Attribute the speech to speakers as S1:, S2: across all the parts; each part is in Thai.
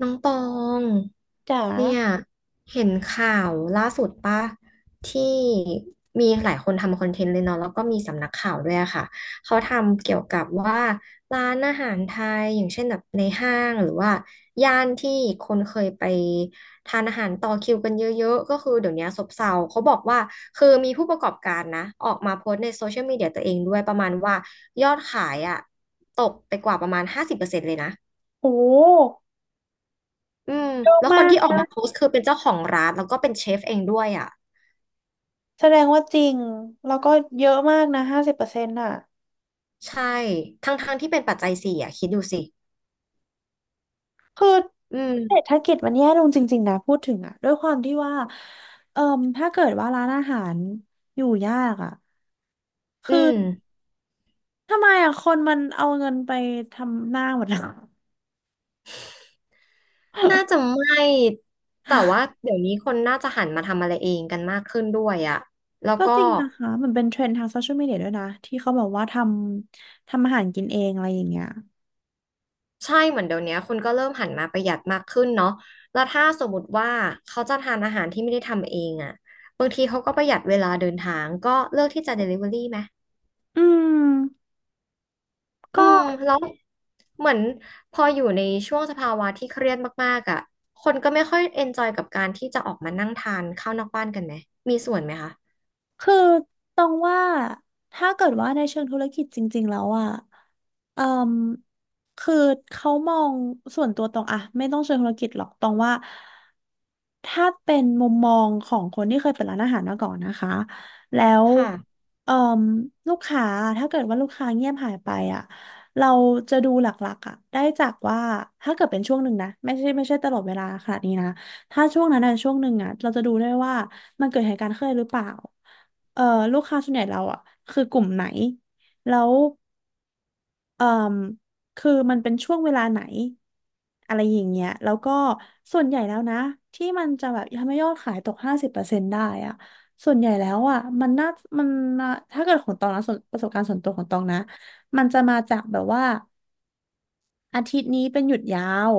S1: น้องตอง
S2: จ๋
S1: เนี่ย
S2: า
S1: เห็นข่าวล่าสุดป่ะที่มีหลายคนทำคอนเทนต์เลยเนาะแล้วก็มีสำนักข่าวด้วยอะค่ะเขาทำเกี่ยวกับว่าร้านอาหารไทยอย่างเช่นแบบในห้างหรือว่าย่านที่คนเคยไปทานอาหารต่อคิวกันเยอะๆก็คือเดี๋ยวนี้ซบเซาเขาบอกว่าคือมีผู้ประกอบการนะออกมาโพสต์ในโซเชียลมีเดียตัวเองด้วยประมาณว่ายอดขายอะตกไปกว่าประมาณ50%เลยนะ
S2: โอ้
S1: อืม
S2: เยอะ
S1: แล้วค
S2: มา
S1: น
S2: ก
S1: ที่ออก
S2: นะ
S1: มาโพสต์คือเป็นเจ้าของร้านแล้วก็เป็นเชฟเองด้วยอ่ะ
S2: แสดงว่าจริง แล้วก็เยอะมากนะ50%อ่ะ
S1: ใช่ทั้งทงที่เป็นปัจจัยสี่อ่ะคิดดูสิ
S2: คือ
S1: อืม
S2: เศรษฐกิจมันแย่ลงจริงๆนะ พูดถึงอ่ะ ด้วยความที่ว่าเอ่มถ้าเกิดว่าร้านอาหารอยู่ยากอ่ะ
S1: อื
S2: คือ
S1: ม
S2: ทำไมอ่ะ คนมันเอาเงินไปทำหน้าหมดแล้ว
S1: น่า จะไม่แต่ว่าเดี๋ยวนี้คนน่าจะหันมาทำอะไรเองกันมากขึ้นด้วยอ่ะแล้ว
S2: ก็
S1: ก็
S2: จริงนะคะมันเป็นเทรนด์ทางโซเชียลมีเดียด้วยนะ ที่เขาบอกว่าทำอาหารกินเองอะไรอย่างเงี้ย
S1: ใช่เหมือนเดี๋ยวนี้คนก็เริ่มหันมาประหยัดมากขึ้นเนาะแล้วถ้าสมมติว่าเขาจะทานอาหารที่ไม่ได้ทำเองอ่ะบางทีเขาก็ประหยัดเวลาเดินทางก็เลือกที่จะ Delivery ไหม
S2: อืมก็
S1: อืมแล้วเหมือนพออยู่ในช่วงสภาวะที่เครียดมากๆอ่ะคนก็ไม่ค่อยเอนจอยกับการที่จะออกมานั่งทานข้าวนอกบ้านกันไหมมีส่วนไหมคะ
S2: คือตองว่าถ้าเกิดว่าในเชิงธุรกิจจริงๆแล้วอ่ะเอ่มคือเขามองส่วนตัวตองอะไม่ต้องเชิงธุรกิจหรอกตองว่าถ้าเป็นมุมมองของคนที่เคยเปิดร้านอาหารมาก่อนนะคะแล้ว
S1: ค่ะ
S2: เอ่มลูกค้าถ้าเกิดว่าลูกค้าเงียบหายไปอ่ะเราจะดูหลักๆอ่ะได้จากว่าถ้าเกิดเป็นช่วงหนึ่งนะไม่ใช่ตลอดเวลาขนาดนี้นะถ้าช่วงนั้นอะช่วงหนึ่งอ่ะเราจะดูได้ว่ามันเกิดเหตุการณ์ขึ้นหรือเปล่า เอ่อลูกค้าส่วนใหญ่เราอ่ะคือกลุ่มไหนแล้วเอ่มคือมันเป็นช่วงเวลาไหนอะไรอย่างเงี้ยแล้วก็ส่วนใหญ่แล้วนะที่มันจะแบบทำให้ยอดขายตกห้าสิบเปอร์เซ็นต์ได้อ่ะส่วนใหญ่แล้วอ่ะมันมาถ้าเกิดของตองนะส่วนประสบการณ์ส่วนตัวของตองนะมันจะมาจากแบบว่า อาทิตย์นี้เป็นหยุดยาว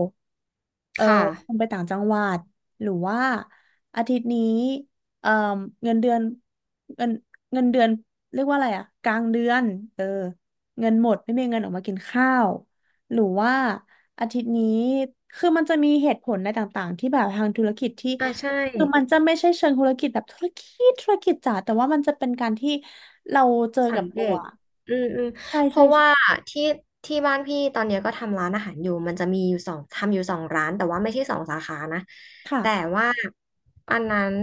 S2: เออ
S1: ค่ะ
S2: คุณไปต่างจังหวัดหรือว่าอาทิตย์นี้เออเงินเดือนเงินเงินเดือนเรียกว่าอะไรอะกลางเดือน เออเงินหมดไม่มีเงินออกมากินข้าว หรือว่าอาทิตย์นี้คือมันจะมีเหตุผลในต่างๆที่แบบทางธุรกิจที่
S1: อ่ะใช่
S2: คือมันจะไม่ใช่เชิงธุรกิจแบบธุรกิจธุรกิจจ๋าแต่ว่ามันจะเป็นการที่เราเจอ
S1: สั
S2: กั
S1: ง
S2: บ
S1: เก
S2: ตัว
S1: ตอืมอืม
S2: ใช่
S1: เพ
S2: ใช่
S1: ราะว่า
S2: ใช่
S1: ที่ที่บ้านพี่ตอนเนี้ยก็ทำร้านอาหารอยู่มันจะมีอยู่สองทำอยู่สองร้านแต่ว่าไม่ใช่สองสาขานะแต่
S2: ค่ะ
S1: ว่าอันนั้น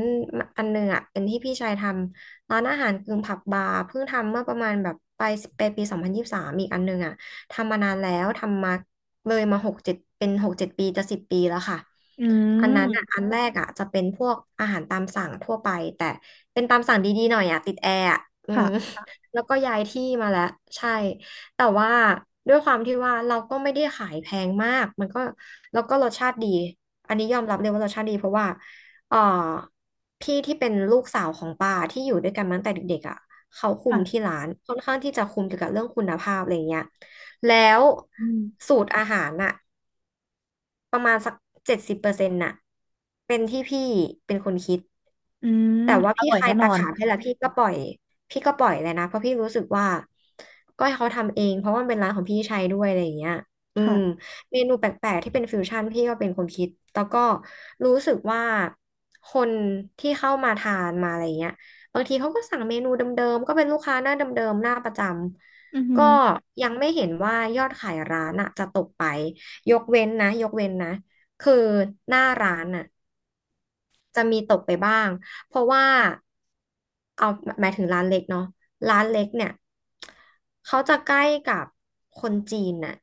S1: อันหนึ่งอ่ะเป็นที่พี่ชายทำร้านอาหารกึ่งผับบาร์เพิ่งทำเมื่อประมาณแบบไปปี2023อีกอันหนึ่งอ่ะทำมานานแล้วทำมาเลยมาหกเจ็ดเป็นหกเจ็ดปีจะสิบปีแล้วค่ะ
S2: อื
S1: อันนั้นอ่ะ
S2: ม
S1: อันแรกอ่ะจะเป็นพวกอาหารตามสั่งทั่วไปแต่เป็นตามสั่งดีๆหน่อยอ่ะติดแอร์อ่ะอื
S2: ค
S1: ม
S2: ่
S1: แล้วก็ย้ายที่มาแล้วใช่แต่ว่าด้วยความที่ว่าเราก็ไม่ได้ขายแพงมากมันก็แล้วก็รสชาติดีอันนี้ยอมรับเลยว่ารสชาติดีเพราะว่าเอ่อพี่ที่เป็นลูกสาวของป้าที่อยู่ด้วยกันมาตั้งแต่เด็กๆอ่ะเขาคุ
S2: ะ
S1: มที่ร้านค่อนข้างที่จะคุมเกี่ยวกับเรื่องคุณภาพอะไรเงี้ยแล้ว
S2: อืม
S1: สูตรอาหารน่ะ ประมาณสัก70%น่ะเป็นที่พี่เป็นคนคิด
S2: อืม
S1: แต่ว่า
S2: อ
S1: พี่
S2: ร่อย
S1: คลา
S2: แน่
S1: ย
S2: น
S1: ตา
S2: อน
S1: ขาบให้แล้วพี่ก็ปล่อยพี่ก็ปล่อยเลยนะเพราะพี่รู้สึกว่าก็ให้เขาทำเองเพราะว่ามันเป็นร้านของพี่ชัยด้วยอะไรอย่างเงี้ยอืม
S2: ค่ะ
S1: เมนูแปลกๆที่เป็นฟิวชั่นพี่ก็เป็นคนคิดแล้วก็รู้สึกว่าคนที่เข้ามาทานมาอะไรเงี้ยบางทีเขาก็สั่งเมนูเดิมๆก็เป็นลูกค้าหน้าเดิมๆหน้าประจ
S2: อือหื
S1: ำก็
S2: อ
S1: ยังไม่เห็นว่ายอดขายร้านอะจะตกไป ยกเว้นนะยกเว้นนะคือหน้าร้านอ่ะ จะมีตกไปบ้างเพราะว่าเอาหมายถึงร้านเล็กเนาะร้านเล็กเนี่ยเขาจะใกล้กับคนจีนน่ะ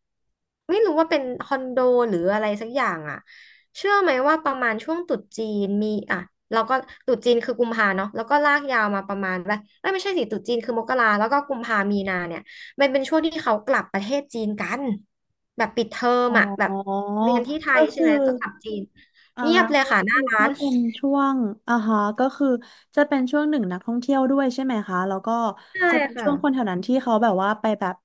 S1: ไม่รู้ว่าเป็นคอนโดหรืออะไรสักอย่างอ่ะเชื่อไหมว่าประมาณช่วงตรุษจีนมีอ่ะเราก็ตรุษจีนคือกุมภาเนาะแล้วก็ลากยาวมาประมาณแบบเอ้ยไม่ใช่สิตรุษจีนคือมกราแล้วก็กุมภามีนาเนี่ยมันเป็นช่วงที่เขากลับประเทศจีนกันแบบปิดเทอม
S2: อ๋
S1: อ่ะแบบ
S2: อ
S1: เรียนที่ไท
S2: ก็
S1: ยใช่
S2: คือ
S1: ไหมก็กลับจีน
S2: อ่า
S1: เงียบเลย
S2: ก็
S1: ค่ะห
S2: คื
S1: น้า
S2: อ
S1: ร้า
S2: ก็
S1: น
S2: เป็นช่วงอ่าฮะก็คือจะเป็นช่วงหนึ่งนักท่องเที่ยวด้วยใช่ไหมคะแล้วก็
S1: ใช่
S2: จะเป็น
S1: ค่ะ
S2: ช่วงคนแถวนั้นที่เขาแบบว่าไปแบบ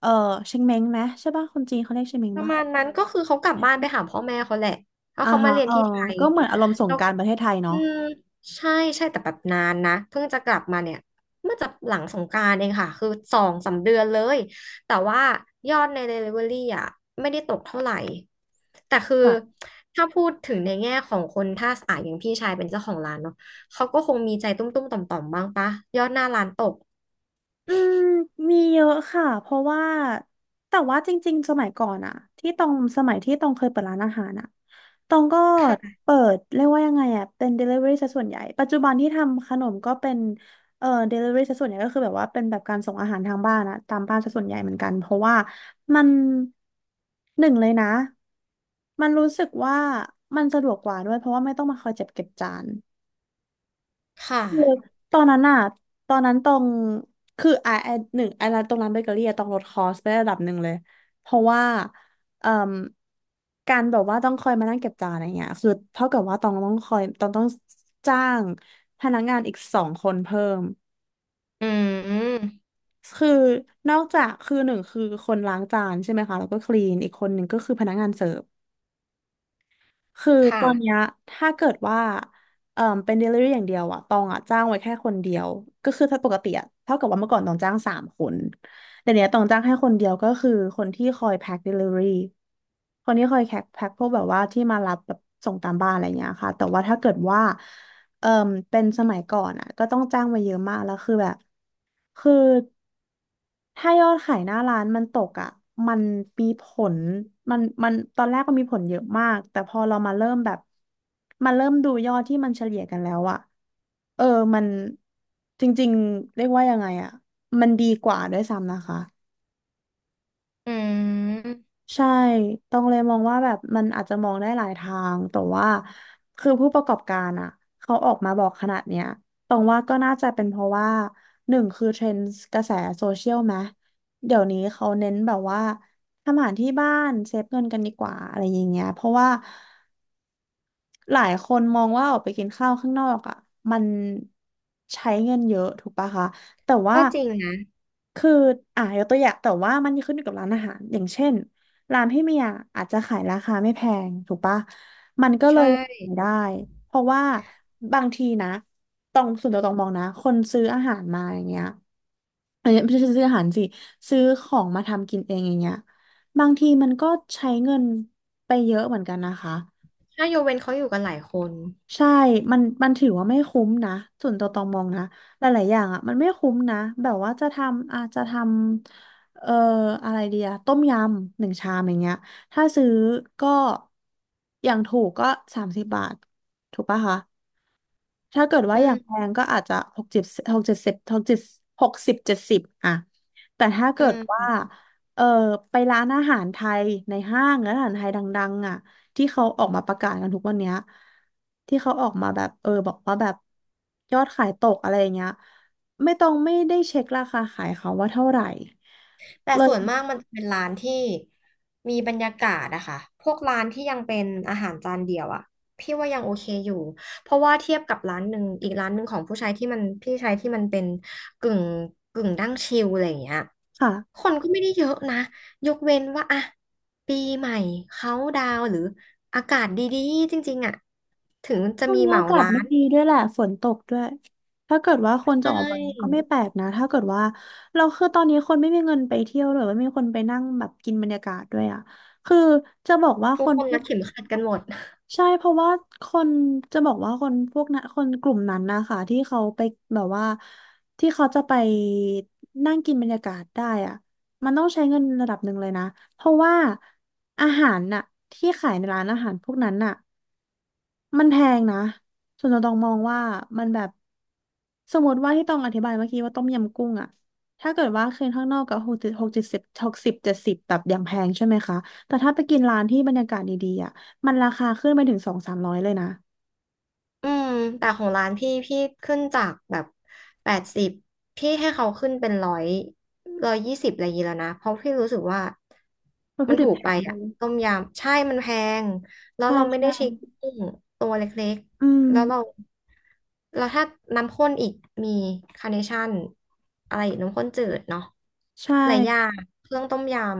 S2: เออเชงเม้งไหมใช่ป่ะคนจีนเขาเรียกเชงเม้ง
S1: ประ
S2: ป่ะ
S1: มาณนั้นก็คือเขากลับบ้านไปหาพ่อแม่เขาแหละแล้ว
S2: อ่า
S1: เขามา
S2: ฮะ
S1: เรียน
S2: เออ
S1: ที่ไทย
S2: ก็เหมือนอารมณ์สง
S1: แล้ว
S2: กรานต์ประเทศไทย
S1: อื
S2: เนาะ
S1: มใช่ใช่แต่แบบนานนะเพิ่งจะกลับมาเนี่ยเมื่อจะหลังสงกรานต์เองค่ะคือสองสามเดือนเลยแต่ว่ายอดใน Delivery อ่ะไม่ได้ตกเท่าไหร่แต่คือ
S2: ค่ะ
S1: ถ้าพูดถึงในแง่ของคนถ้าอ่ะอย่างพี่ชายเป็นเจ้าของร้านเนาะเขาก็คงมีใจตุ้มๆต่อมๆบ้างปะยอดหน้าร้านตก
S2: อืมมีเยอะค่ะเพราะว่าแต่ว่าจริงๆสมัยก่อนอะที่ตองสมัยที่ตองเคยเปิดร้านอาหารอะตองก็
S1: ค่ะ
S2: เปิดเรียกว่ายังไงอะเป็น delivery ซะส่วนใหญ่ปัจจุบันที่ทำขนมก็เป็นdelivery ซะส่วนใหญ่ก็คือแบบว่าเป็นแบบการส่งอาหารทางบ้านอะตามบ้านซะส่วนใหญ่เหมือนกันเพราะว่ามันหนึ่งเลยนะมันรู้สึกว่ามันสะดวกกว่าด้วยเพราะว่าไม่ต้องมาคอยเจ็บเก็บจาน
S1: ค่ะ
S2: คือตอนนั้นอะตอนนั้นตรงคือไอหนึ่งไอร้านตรงร้านเบเกอรี่อะต้องลดคอสไประดับหนึ่งเลยเพราะว่าเอ่มการแบบว่าต้องคอยมานั่งเก็บจานอะไรเงี้ยคือเท่ากับว่าต้องคอยต้องจ้างพนักงานอีก2 คนเพิ่ม
S1: อืม
S2: คือนอกจากคือหนึ่งคือคนล้างจานใช่ไหมคะแล้วก็คลีนอีกคนหนึ่งก็คือพนักงานเสิร์ฟ คือต
S1: ค่ะ
S2: อนเนี้ยถ้าเกิดว่าเป็น delivery อย่างเดียวอะตองอะจ้างไว้แค่คนเดียวก็คือถ้าปกติอะเท่ากับว่าเมื่อก่อนตองจ้าง3 คนแต่เนี้ยตองจ้างแค่คนเดียวก็คือคนที่คอยแพ็ค delivery คนที่คอยแพ็คพวกแบบว่าที่มารับแบบส่งตามบ้านอะไรเงี้ยค่ะแต่ว่าถ้าเกิดว่าเอ่อเป็นสมัยก่อนอะก็ต้องจ้างไว้เยอะมากแล้วคือแบบคือ ถ้ายอดขายหน้าร้านมันตกอ่ะมันมีผลมันตอนแรกมันมีผลเยอะมากแต่พอเรามาเริ่มแบบมาเริ่มดูยอดที่มันเฉลี่ยกันแล้วอ่ะเออมันจริงๆเรียกว่ายังไงอ่ะมันดีกว่าด้วยซ้ำนะคะ
S1: อืม
S2: ใช่ต้องเลยมองว่าแบบมันอาจจะมองได้หลายทาง แต่ว่าคือผู้ประกอบการอ่ะเขาออกมาบอกขนาดเนี้ยตรงว่าก็น่าจะเป็นเพราะว่าหนึ่งคือเทรนด์กระแสโซเชียลไหมเดี๋ยวนี้เขาเน้นแบบว่าทำอาหารที่บ้านเซฟเงินกันดีกว่าอะไรอย่างเงี้ยเพราะว่า หลายคนมองว่าออกไปกินข้าวข้างนอกอ่ะมันใช้เงินเยอะถูกปะคะแต่ว่า
S1: ก็จริงนะ
S2: คือยกตัวอย่างแต่ว่ามันขึ้นอยู่กับร้านอาหารอย่างเช่นร้านพี่เมียอาจจะขายราคาไม่แพงถูกปะมันก็เล
S1: ใช่
S2: ยไม่ได้เพราะว่าบางทีนะตองส่วนตัวตองมองนะคนซื้ออาหารมาอย่างเงี้ยเอ้ยไม่ใช่ซื้ออาหารสิซื้อของมาทำกินเองอย่างเงี้ยบางทีมันก็ใช้เงินไปเยอะเหมือนกันนะคะ
S1: ถ้ายกเว้นเขาอยู่กันหลายคน
S2: ใช่มันถือว่าไม่คุ้มนะ ส่วนตัวตองมองนะ หลายๆอย่างอ่ะ มันไม่คุ้มนะ แบบว่าจะทำ อาจจะทำ อะไรเดียต้มยำหนึ่งชามอย่างเงี้ย ถ้าซื้อก็ อย่างถูกก็30 บาทถูกปะคะ ถ้าเกิดว่า
S1: อื
S2: อย่างแพ
S1: ม
S2: งก็อาจจะหกเจ็ดหกเจ็ดสิบหกเจ็ดหกสิบเจ็ดสิบอะแต่ถ้า
S1: อื
S2: เกิดว่า
S1: ม
S2: เออไปร้านอาหารไทยในห้างร้านอาหารไทยดังๆอ่ะที่เขาออกมาประกาศกันทุกวันเนี้ยที่เขาออกมาแบบบอกว่าแบบยอดขายตกอะไรอย่างเงี้ยไม่ต้องไม่ได้เช็คราคาขายเขาว่าเท่าไหร่
S1: แต่
S2: เล
S1: ส่วน
S2: ย
S1: มากมันจะเป็นร้านที่มีบรรยากาศอะค่ะพวกร้านที่ยังเป็นอาหารจานเดียวอะพี่ว่ายังโอเคอยู่เพราะว่าเทียบกับร้านหนึ่งอีกร้านหนึ่งของผู้ชายที่มันพี่ชายที่มันเป็นกึ่งกึ่งดั้งชิลอะไรอย่างเงี้ยค
S2: ค่ะ
S1: นก็ไม่ได้เยอะนะยกเว้นว่าอะปีใหม่เขาดาวน์หรืออากาศดีๆจริงๆอะถึงจะ
S2: ช่วง
S1: มี
S2: นี้
S1: เหมา
S2: อากาศ
S1: ร้า
S2: ไม่
S1: น
S2: ดีด้วยแหละฝนตกด้วยถ้าเกิดว่าคน
S1: ใช
S2: จะออกไปก็
S1: ่
S2: ไม่แปลกนะถ้าเกิดว่าเราคือตอนนี้คนไม่มีเงินไปเที่ยวหรือว่าไม่มีคนไปนั่งแบบกินบรรยากาศด้วยอ่ะคือจะบอกว่าค
S1: ทุก
S2: น
S1: คน
S2: พว
S1: รั
S2: ก
S1: ดเข็มขัดกันหมด
S2: ใช่เพราะว่าคนจะบอกว่าคนพวกนั้นคนกลุ่มนั้นนะคะที่เขาไปแบบว่าที่เขาจะไปนั่งกินบรรยากาศได้อ่ะมันต้องใช้เงินระดับหนึ่งเลยนะเพราะว่าอาหารน่ะที่ขายในร้านอาหารพวกนั้นน่ะ มันแพงนะส่วนตัวตองมองว่ามันแบบสมมติว่าที่ต้องอธิบายเมื่อกี้ว่าต้มยำกุ้งอะถ้าเกิดว่าคืนข้างนอกก็หกสิบหกเจ็ดสิบหกสิบเจ็ดสิบแบบอย่างแพงใช่ไหมคะแต่ถ้าไปกินร้านที่บรรยากาศดีๆอะมันราคาขึ้นไปถึงสองสามร้อยเลยนะ
S1: อืม แต่ของร้านพี่พี่ขึ้นจากแบบแปดสิบพี่ให้เขาขึ้นเป็นร้อยร้อยยี่สิบอะไรอย่างงี้แล้วนะเพราะพี่รู้สึกว่า
S2: วัต
S1: มั
S2: ถุ
S1: น
S2: ดิบ
S1: ถูก
S2: แพ
S1: ไป
S2: งด้ว
S1: อ่ะ
S2: ย
S1: ต้มยำใช่มันแพงแล้ว
S2: ใช่
S1: เราไม่
S2: ใช่
S1: ได้ใช้กุ้งตัวเล็ก
S2: อืม
S1: ๆแล้วเราแล้วถ้าน้ำข้นอีกมีคาร์เนชั่นอะไรอีกน้ำข้นจืดเนาะ
S2: ใช่
S1: หลายอย่างเครื่องต้มยำ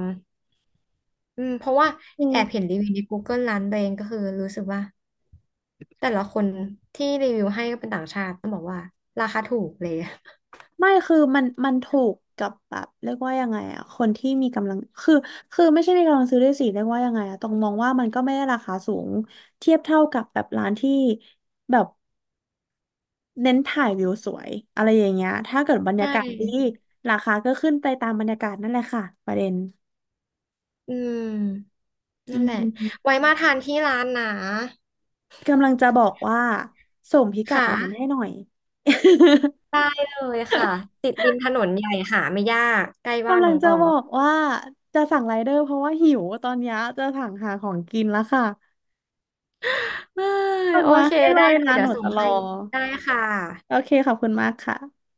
S1: อืมเพราะว่าแอบเห็นรีวิวใน Google ร้านตัวเองก็คือรู้สึกว่าแต่ละคนที่รีวิวให้ก็เป็นต่างชาติต้องบอกว่าราคาถูกเลย
S2: ไม่คือมันถูกกับแบบเรียกว่ายังไงอะคนที่มีกำลังคือคือไม่ใช่มีกำลังซื้อด้วยสิเรียกว่ายังไงอะต้องมองว่ามันก็ไม่ได้ราคาสูงเทียบเท่ากับแบบร้านที่แบบเน้นถ่ายวิวสวยอะไรอย่างเงี้ยถ้าเกิดบรร
S1: ใช
S2: ยากาศดี
S1: ่
S2: ราคาก็ขึ้นไปตามบรรยากาศนั่นแหละค่ะประเด็น
S1: อืม
S2: อื
S1: นั่น
S2: ม
S1: แหละไว้มาทานที่ร้านนะ
S2: กำลังจะบอกว่าส่งพิกัด
S1: ค่ะ
S2: ร้านให้หน่อย
S1: ได้เลยค่ะติดริมถนนใหญ่หาไม่ยากใกล้ บ้าน
S2: กำลั
S1: น้
S2: ง
S1: องต
S2: จะ
S1: อง
S2: บอกว่าจะสั่งไรเดอร์เพราะว่าหิวตอนเนี้ยจะสั่งหาของกินแล้วค่ะ
S1: เอ้ย
S2: ส่ง
S1: โอ
S2: มา
S1: เค
S2: ให้เล
S1: ได้
S2: ย
S1: เลย
S2: นะ
S1: เดี๋
S2: ห
S1: ย
S2: นู
S1: วส่ง
S2: จะรอ
S1: ให้ได้ค่
S2: โอ
S1: ะ
S2: เคขอบคุณมากค่ะ